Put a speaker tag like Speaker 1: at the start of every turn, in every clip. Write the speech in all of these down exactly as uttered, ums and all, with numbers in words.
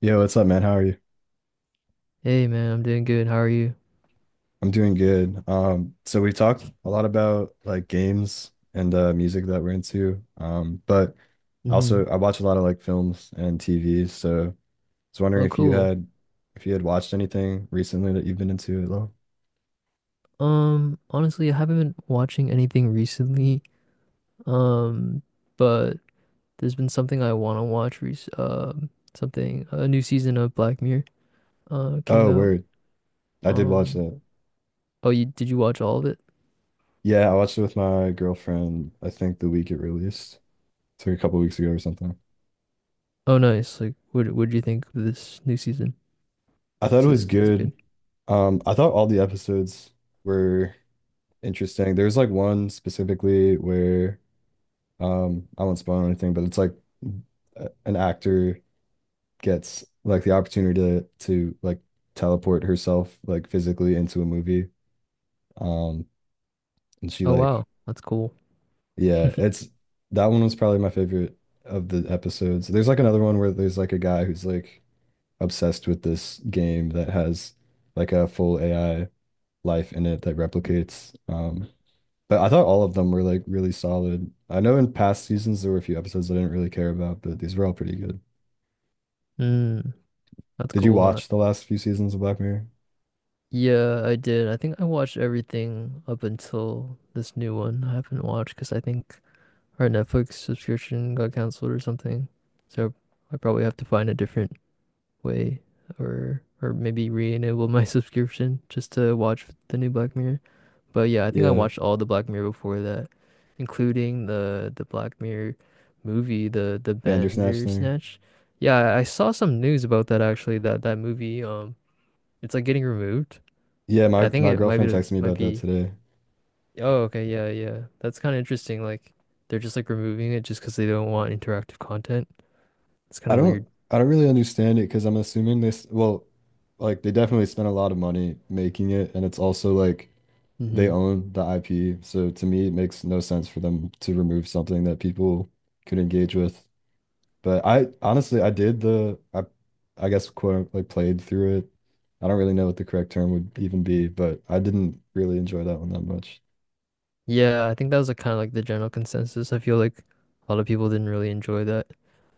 Speaker 1: Yo, what's up, man? How are you?
Speaker 2: Hey man, I'm doing good. How are you?
Speaker 1: I'm doing good. Um, so we talked a lot about like games and uh music that we're into. Um, but
Speaker 2: Hmm.
Speaker 1: also I watch a lot of like films and T V, so I was wondering
Speaker 2: Oh,
Speaker 1: if you
Speaker 2: cool.
Speaker 1: had if you had watched anything recently that you've been into at all.
Speaker 2: Um, honestly, I haven't been watching anything recently. Um, but there's been something I want to watch rec um something, a new season of Black Mirror uh came
Speaker 1: Oh,
Speaker 2: out.
Speaker 1: word. I did watch
Speaker 2: Um,
Speaker 1: that.
Speaker 2: oh, you did you watch all of it?
Speaker 1: Yeah, I watched it with my girlfriend, I think the week it released. It's like a couple weeks ago or something.
Speaker 2: Oh, nice. Like, what what do you think of this new season?
Speaker 1: I thought it
Speaker 2: Is
Speaker 1: was
Speaker 2: it is it good?
Speaker 1: good. Um, I thought all the episodes were interesting. There's like one specifically where Um, I won't spoil anything, but it's like a- an actor gets like the opportunity to to like teleport herself like physically into a movie. Um, and she
Speaker 2: Oh, wow.
Speaker 1: like
Speaker 2: That's cool.
Speaker 1: yeah, it's that one was probably my favorite of the episodes. There's like another one where there's like a guy who's like obsessed with this game that has like a full A I life in it that replicates. Um, but I thought all of them were like really solid. I know in past seasons there were a few episodes I didn't really care about, but these were all pretty good.
Speaker 2: Mm, that's
Speaker 1: Did you
Speaker 2: cool. Uh,
Speaker 1: watch the last few seasons of Black Mirror?
Speaker 2: yeah, I did. I think I watched everything up until this new one. I haven't watched because I think our Netflix subscription got canceled or something. So I probably have to find a different way, or or maybe re-enable my subscription just to watch the new Black Mirror. But yeah, I think I
Speaker 1: Yeah,
Speaker 2: watched all the Black Mirror before that, including the the Black Mirror movie, the the
Speaker 1: Bandersnatch thing.
Speaker 2: Bandersnatch. Yeah, I saw some news about that actually, that that movie um it's like getting removed.
Speaker 1: Yeah, my
Speaker 2: I think
Speaker 1: my
Speaker 2: it might
Speaker 1: girlfriend
Speaker 2: be
Speaker 1: texted me
Speaker 2: might
Speaker 1: about that
Speaker 2: be
Speaker 1: today.
Speaker 2: Oh, okay, yeah, yeah. That's kind of interesting. Like, they're just like removing it just because they don't want interactive content. It's kind
Speaker 1: I
Speaker 2: of weird.
Speaker 1: don't I don't really understand it because I'm assuming this, well, like they definitely spent a lot of money making it, and it's also like they
Speaker 2: Hmm.
Speaker 1: own the I P. So to me, it makes no sense for them to remove something that people could engage with. But I honestly, I did the I I guess quote unquote, like played through it. I don't really know what the correct term would even be, but I didn't really enjoy that one that much.
Speaker 2: Yeah, I think that was like kind of like the general consensus. I feel like a lot of people didn't really enjoy that.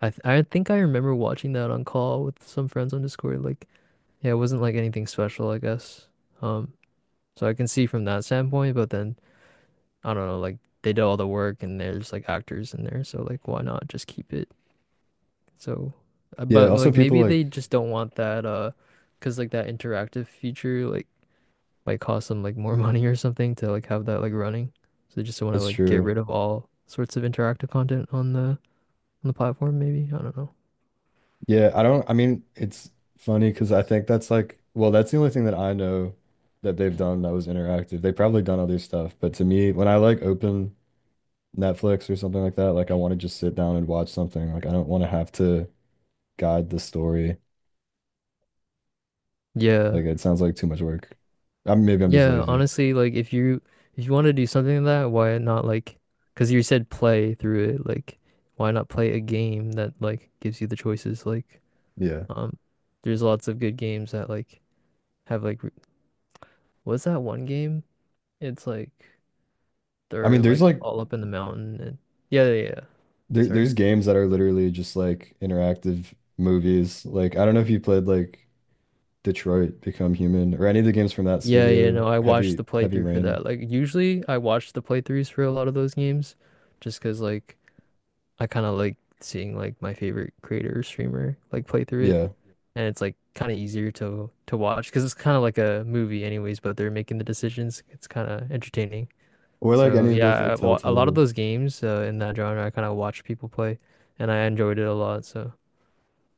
Speaker 2: I th I think I remember watching that on call with some friends on Discord. Like, yeah, it wasn't like anything special, I guess. Um, so I can see from that standpoint, but then I don't know, like they did all the work and there's like actors in there, so like why not just keep it. So, uh,
Speaker 1: Yeah,
Speaker 2: but
Speaker 1: also
Speaker 2: like
Speaker 1: people
Speaker 2: maybe
Speaker 1: like
Speaker 2: they just don't want that uh, cause like that interactive feature like might cost them like more money or something to like have that like running. So they just want to
Speaker 1: that's
Speaker 2: like get
Speaker 1: true.
Speaker 2: rid of all sorts of interactive content on the on the platform maybe. I don't know.
Speaker 1: Yeah, I don't I mean it's funny because I think that's like well, that's the only thing that I know that they've done that was interactive. They've probably done other stuff, but to me, when I like open Netflix or something like that, like I want to just sit down and watch something. Like I don't want to have to guide the story.
Speaker 2: Yeah.
Speaker 1: Like it sounds like too much work. I mean, maybe I'm just
Speaker 2: Yeah,
Speaker 1: lazy.
Speaker 2: honestly, like if you, if you want to do something like that, why not like, cause you said play through it, like why not play a game that like gives you the choices like,
Speaker 1: Yeah.
Speaker 2: um there's lots of good games that like have like r- what's that one game? It's like
Speaker 1: I mean,
Speaker 2: they're
Speaker 1: there's
Speaker 2: like
Speaker 1: like
Speaker 2: all up in the mountain, and yeah, yeah, yeah.
Speaker 1: there,
Speaker 2: Sorry.
Speaker 1: there's games that are literally just like interactive movies. Like I don't know if you played like Detroit Become Human or any of the games from that
Speaker 2: Yeah, yeah,
Speaker 1: studio,
Speaker 2: no, I watched
Speaker 1: Heavy
Speaker 2: the
Speaker 1: Heavy
Speaker 2: playthrough for
Speaker 1: Rain.
Speaker 2: that. Like usually I watch the playthroughs for a lot of those games, just 'cause like I kind of like seeing like my favorite creator or streamer like play through it,
Speaker 1: Yeah.
Speaker 2: and it's like kind of easier to to watch because it's kind of like a movie anyways, but they're making the decisions. It's kind of entertaining.
Speaker 1: Or like
Speaker 2: So
Speaker 1: any of those like
Speaker 2: yeah, I wa- a lot of
Speaker 1: Telltale.
Speaker 2: those games uh, in that genre I kind of watch people play and I enjoyed it a lot, so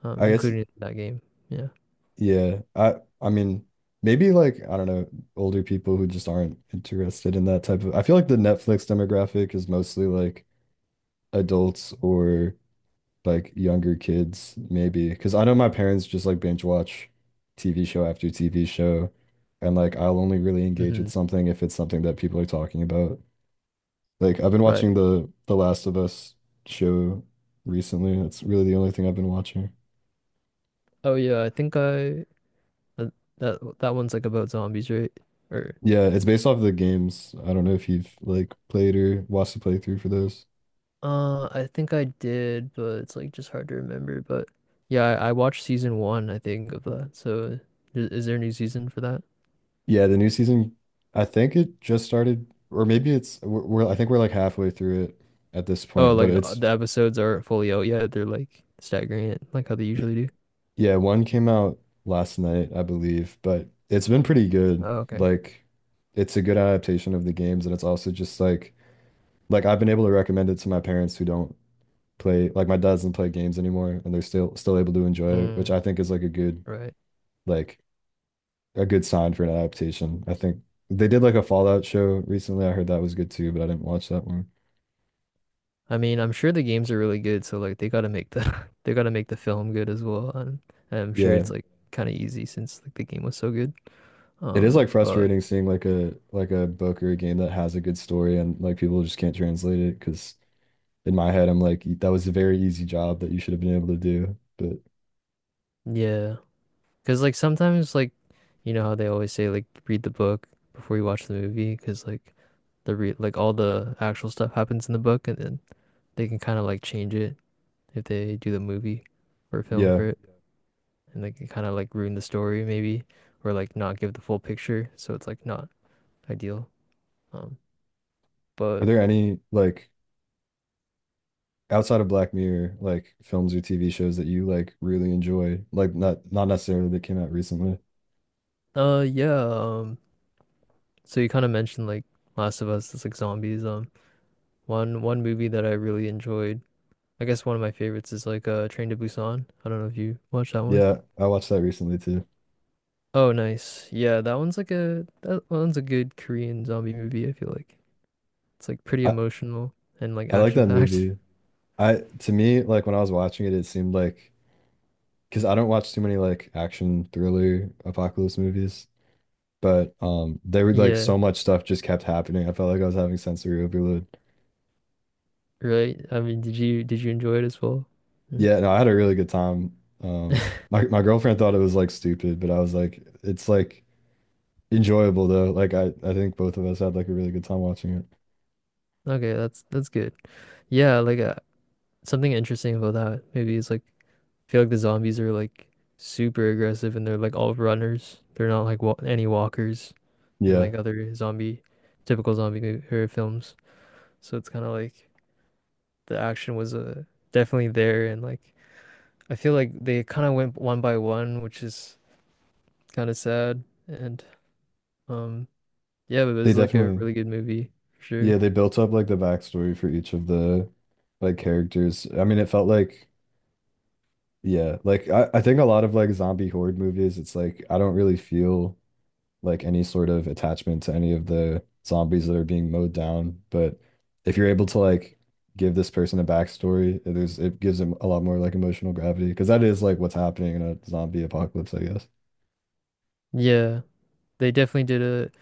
Speaker 2: um
Speaker 1: I guess
Speaker 2: including that game. Yeah.
Speaker 1: yeah. I I mean maybe like I don't know, older people who just aren't interested in that type of I feel like the Netflix demographic is mostly like adults or like younger kids maybe because I know my parents just like binge watch T V show after T V show and like I'll only really engage with
Speaker 2: Hmm.
Speaker 1: something if it's something that people are talking about. Like I've been
Speaker 2: Right.
Speaker 1: watching the The Last of Us show recently. That's really the only thing I've been watching.
Speaker 2: Oh yeah, I think I uh, that that one's like about zombies, right? Or
Speaker 1: Yeah, it's based off of the games. I don't know if you've like played or watched the playthrough for those.
Speaker 2: uh, I think I did, but it's like just hard to remember. But yeah, I, I watched season one, I think, of that. So is, is there a new season for that?
Speaker 1: Yeah, the new season, I think it just started, or maybe it's we're, we're I think we're like halfway through it at this
Speaker 2: Oh,
Speaker 1: point, but
Speaker 2: like the
Speaker 1: it's
Speaker 2: the episodes aren't fully out yet. They're like staggering it, like how they
Speaker 1: y-
Speaker 2: usually do.
Speaker 1: yeah, one came out last night, I believe, but it's been pretty good.
Speaker 2: Oh, okay.
Speaker 1: Like it's a good adaptation of the games, and it's also just like like I've been able to recommend it to my parents who don't play like my dad doesn't play games anymore and they're still still able to enjoy it, which
Speaker 2: Mm,
Speaker 1: I think is like a good
Speaker 2: right.
Speaker 1: like a good sign for an adaptation. I think they did like a Fallout show recently. I heard that was good too, but I didn't watch that one.
Speaker 2: I mean, I'm sure the games are really good, so like they gotta make the they gotta make the film good as well. And I'm sure
Speaker 1: Yeah.
Speaker 2: it's like kind of easy since like the game was so good.
Speaker 1: It is
Speaker 2: Um,
Speaker 1: like
Speaker 2: but
Speaker 1: frustrating seeing like a like a book or a game that has a good story and like people just can't translate it because in my head I'm like that was a very easy job that you should have been able to do. But
Speaker 2: Yeah. Because, like, sometimes, like, you know how they always say, like, read the book before you watch the movie? Because, like, the re like, all the actual stuff happens in the book, and then they can kind of, like, change it if they do the movie or film
Speaker 1: yeah.
Speaker 2: for it. And they can kind of, like, ruin the story, maybe, or, like, not give the full picture. So it's, like, not ideal. Um,
Speaker 1: Are
Speaker 2: but,
Speaker 1: there any like outside of Black Mirror, like films or T V shows that you like really enjoy, like not not necessarily that came out recently.
Speaker 2: uh, yeah. Um, so you kind of mentioned, like, Last of Us, it's like zombies. Um, one one movie that I really enjoyed. I guess one of my favorites is like uh Train to Busan. I don't know if you watched that one.
Speaker 1: Yeah, I watched that recently too.
Speaker 2: Oh, nice. Yeah, that one's like a that one's a good Korean zombie movie, I feel like. It's like pretty
Speaker 1: I
Speaker 2: emotional and like
Speaker 1: I like
Speaker 2: action
Speaker 1: that
Speaker 2: packed.
Speaker 1: movie. I To me, like when I was watching it, it seemed like because I don't watch too many like action thriller apocalypse movies, but um, they were like
Speaker 2: Yeah,
Speaker 1: so much stuff just kept happening. I felt like I was having sensory overload.
Speaker 2: right. I mean, did you did you enjoy it as well? Hmm?
Speaker 1: Yeah, no, I had a really good time. Um, my my girlfriend thought it was like stupid, but I was like, it's like enjoyable though. Like I, I think both of us had like a really good time watching it.
Speaker 2: Okay, that's that's good. Yeah, like uh, something interesting about that maybe is like I feel like the zombies are like super aggressive and they're like all runners. They're not like wa any walkers in
Speaker 1: Yeah,
Speaker 2: like other zombie typical zombie mo- or films. So it's kind of like the action was uh, definitely there, and like I feel like they kind of went one by one, which is kind of sad. And um, yeah, but it
Speaker 1: they
Speaker 2: was like a
Speaker 1: definitely,
Speaker 2: really good movie for sure.
Speaker 1: yeah, they built up like the backstory for each of the like characters. I mean, it felt like, yeah, like I, I think a lot of like zombie horde movies, it's like I don't really feel like any sort of attachment to any of the zombies that are being mowed down. But if you're able to like give this person a backstory, it is it gives them a lot more like emotional gravity because that is like what's happening in a zombie apocalypse, I guess.
Speaker 2: Yeah, they definitely did it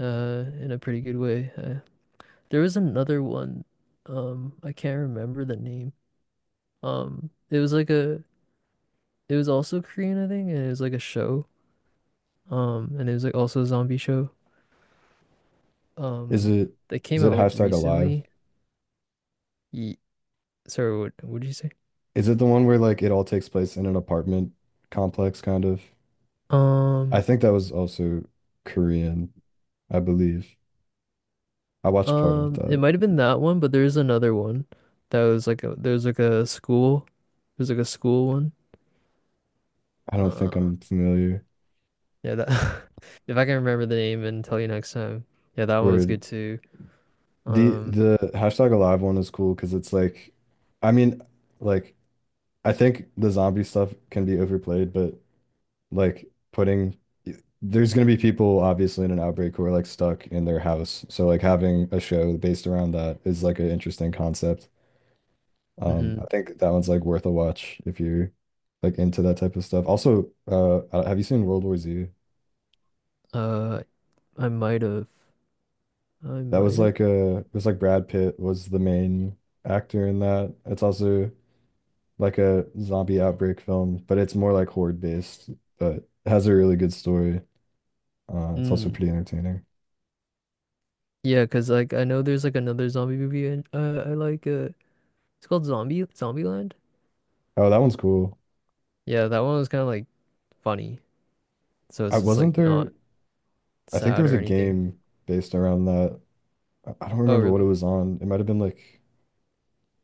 Speaker 2: uh in a pretty good way. Uh, there was another one, um, I can't remember the name. Um, it was like a, it was also Korean, I think, and it was like a show. Um, and it was like also a zombie show.
Speaker 1: Is
Speaker 2: Um,
Speaker 1: it
Speaker 2: that
Speaker 1: is
Speaker 2: came
Speaker 1: it
Speaker 2: out like
Speaker 1: hashtag alive?
Speaker 2: recently. Ye- Sorry, what what did you say?
Speaker 1: Is it the one where like it all takes place in an apartment complex kind of? I
Speaker 2: Um,
Speaker 1: think that was also Korean, I believe. I watched part of
Speaker 2: um, it
Speaker 1: that.
Speaker 2: might have been that one, but there's another one that was like a there's like a school, there's like a school one.
Speaker 1: I don't think
Speaker 2: Uh,
Speaker 1: I'm familiar.
Speaker 2: yeah, that if I can remember the name and tell you next time. Yeah, that one was
Speaker 1: Where
Speaker 2: good too.
Speaker 1: the
Speaker 2: Um,
Speaker 1: the hashtag alive one is cool because it's like I mean, like I think the zombie stuff can be overplayed, but like putting there's gonna be people obviously in an outbreak who are like stuck in their house. So like having a show based around that is like an interesting concept. Um, I
Speaker 2: mhm.
Speaker 1: think that one's like worth a watch if you're like into that type of stuff. Also, uh, uh, have you seen World War Z?
Speaker 2: Uh, I might have, I
Speaker 1: That was
Speaker 2: might have.
Speaker 1: like a it was like Brad Pitt was the main actor in that. It's also like a zombie outbreak film, but it's more like horde based, but it has a really good story. Uh, it's also
Speaker 2: Mm.
Speaker 1: pretty entertaining.
Speaker 2: Yeah, cause like I know there's like another zombie movie and uh, I like uh, it's called Zombie Zombieland.
Speaker 1: Oh, that one's cool.
Speaker 2: Yeah, that one was kind of like funny, so
Speaker 1: I
Speaker 2: it's just like
Speaker 1: wasn't
Speaker 2: not
Speaker 1: there. I think there
Speaker 2: sad
Speaker 1: was
Speaker 2: or
Speaker 1: a
Speaker 2: anything.
Speaker 1: game based around that. I I don't
Speaker 2: Oh,
Speaker 1: remember what it
Speaker 2: really?
Speaker 1: was on. It might have been like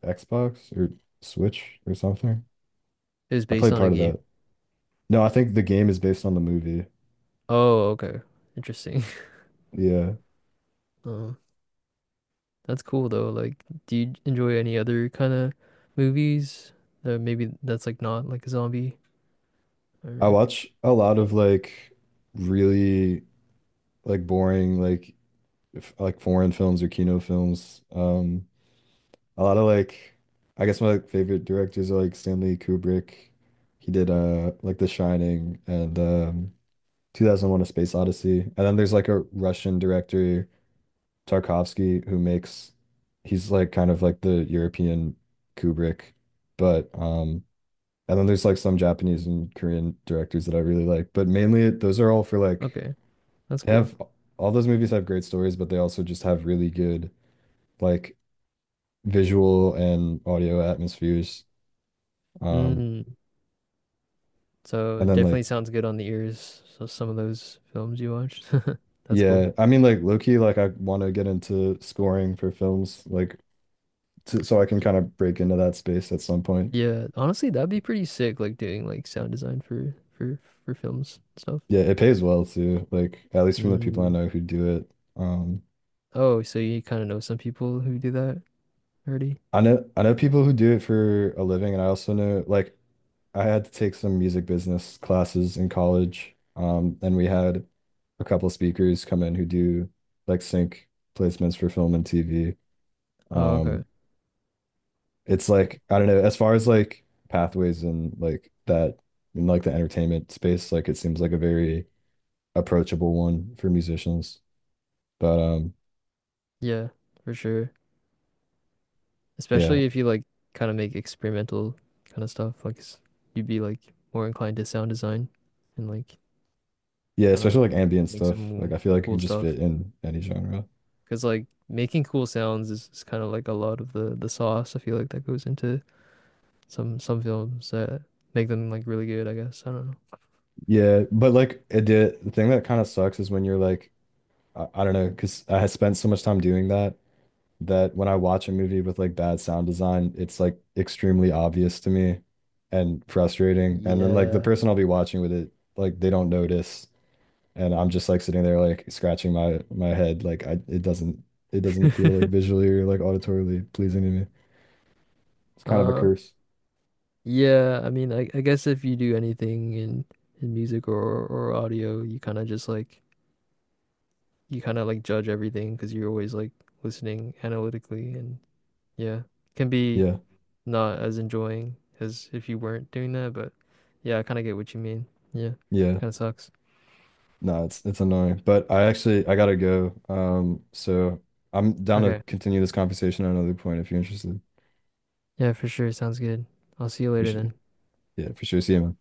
Speaker 1: Xbox or Switch or something.
Speaker 2: It was
Speaker 1: I
Speaker 2: based
Speaker 1: played
Speaker 2: on a
Speaker 1: part of
Speaker 2: game.
Speaker 1: that. No, I think the game is based on the movie.
Speaker 2: Oh, okay. Interesting.
Speaker 1: Yeah.
Speaker 2: Uh, that's cool though. Like, do you enjoy any other kind of movies that maybe that's like not like a zombie
Speaker 1: I
Speaker 2: or
Speaker 1: watch a lot of like really like boring like f like foreign films or Kino films. Um a lot of like I guess my like, favorite directors are like Stanley Kubrick. He did uh like The Shining and um two thousand one: A Space Odyssey. And then there's like a Russian director Tarkovsky who makes he's like kind of like the European Kubrick, but um and then there's like some Japanese and Korean directors that I really like, but mainly it, those are all for like
Speaker 2: okay, that's
Speaker 1: they
Speaker 2: cool.
Speaker 1: have all those movies have great stories, but they also just have really good like visual and audio atmospheres. Um,
Speaker 2: Mm, so
Speaker 1: and then like
Speaker 2: definitely sounds good on the ears. So some of those films you watched. That's cool.
Speaker 1: yeah, I mean like low-key like I want to get into scoring for films like to, so I can kind of break into that space at some point.
Speaker 2: Yeah, honestly, that'd be pretty sick like doing like sound design for for for films and stuff.
Speaker 1: Yeah, it pays well too, like at least from the people I
Speaker 2: Mm.
Speaker 1: know who do it. Um,
Speaker 2: Oh, so you kind of know some people who do that already?
Speaker 1: I know I know people who do it for a living, and I also know like I had to take some music business classes in college. Um, and we had a couple speakers come in who do like sync placements for film and T V.
Speaker 2: Oh, okay.
Speaker 1: Um, it's
Speaker 2: Cool.
Speaker 1: like I don't know, as far as like pathways and like that in like the entertainment space, like it seems like a very approachable one for musicians. But um
Speaker 2: Yeah, for sure.
Speaker 1: yeah.
Speaker 2: Especially if you like kind of make experimental kind of stuff, like s- you'd be like more inclined to sound design and like
Speaker 1: Yeah,
Speaker 2: I don't know,
Speaker 1: especially like ambient
Speaker 2: make
Speaker 1: stuff.
Speaker 2: some
Speaker 1: Like
Speaker 2: cool
Speaker 1: I feel like it could
Speaker 2: cool
Speaker 1: just
Speaker 2: stuff.
Speaker 1: fit in any genre.
Speaker 2: Because like making cool sounds is, is kind of like a lot of the the sauce. I feel like that goes into some some films that make them like really good. I guess I don't know.
Speaker 1: Yeah, but like it did the thing that kind of sucks is when you're like I, I don't know, because I spent so much time doing that that when I watch a movie with like bad sound design, it's like extremely obvious to me and frustrating. And then like the
Speaker 2: Yeah.
Speaker 1: person I'll be watching with it, like they don't notice, and I'm just like sitting there like scratching my my head, like I it doesn't it doesn't feel like visually or like auditorily pleasing to me. It's kind of a
Speaker 2: Uh,
Speaker 1: curse.
Speaker 2: yeah, I mean, I, I guess if you do anything in in music or or audio, you kind of just like you kind of like judge everything because you're always like listening analytically and yeah, can be
Speaker 1: Yeah,
Speaker 2: not as enjoying as if you weren't doing that, but yeah, I kind of get what you mean. Yeah,
Speaker 1: yeah.
Speaker 2: kind of sucks.
Speaker 1: No, it's it's annoying. But I actually I gotta go. Um, so I'm down to
Speaker 2: Okay.
Speaker 1: continue this conversation at another point if you're interested.
Speaker 2: Yeah, for sure. Sounds good. I'll see you
Speaker 1: You
Speaker 2: later
Speaker 1: should.
Speaker 2: then.
Speaker 1: Yeah, for sure. See you, man.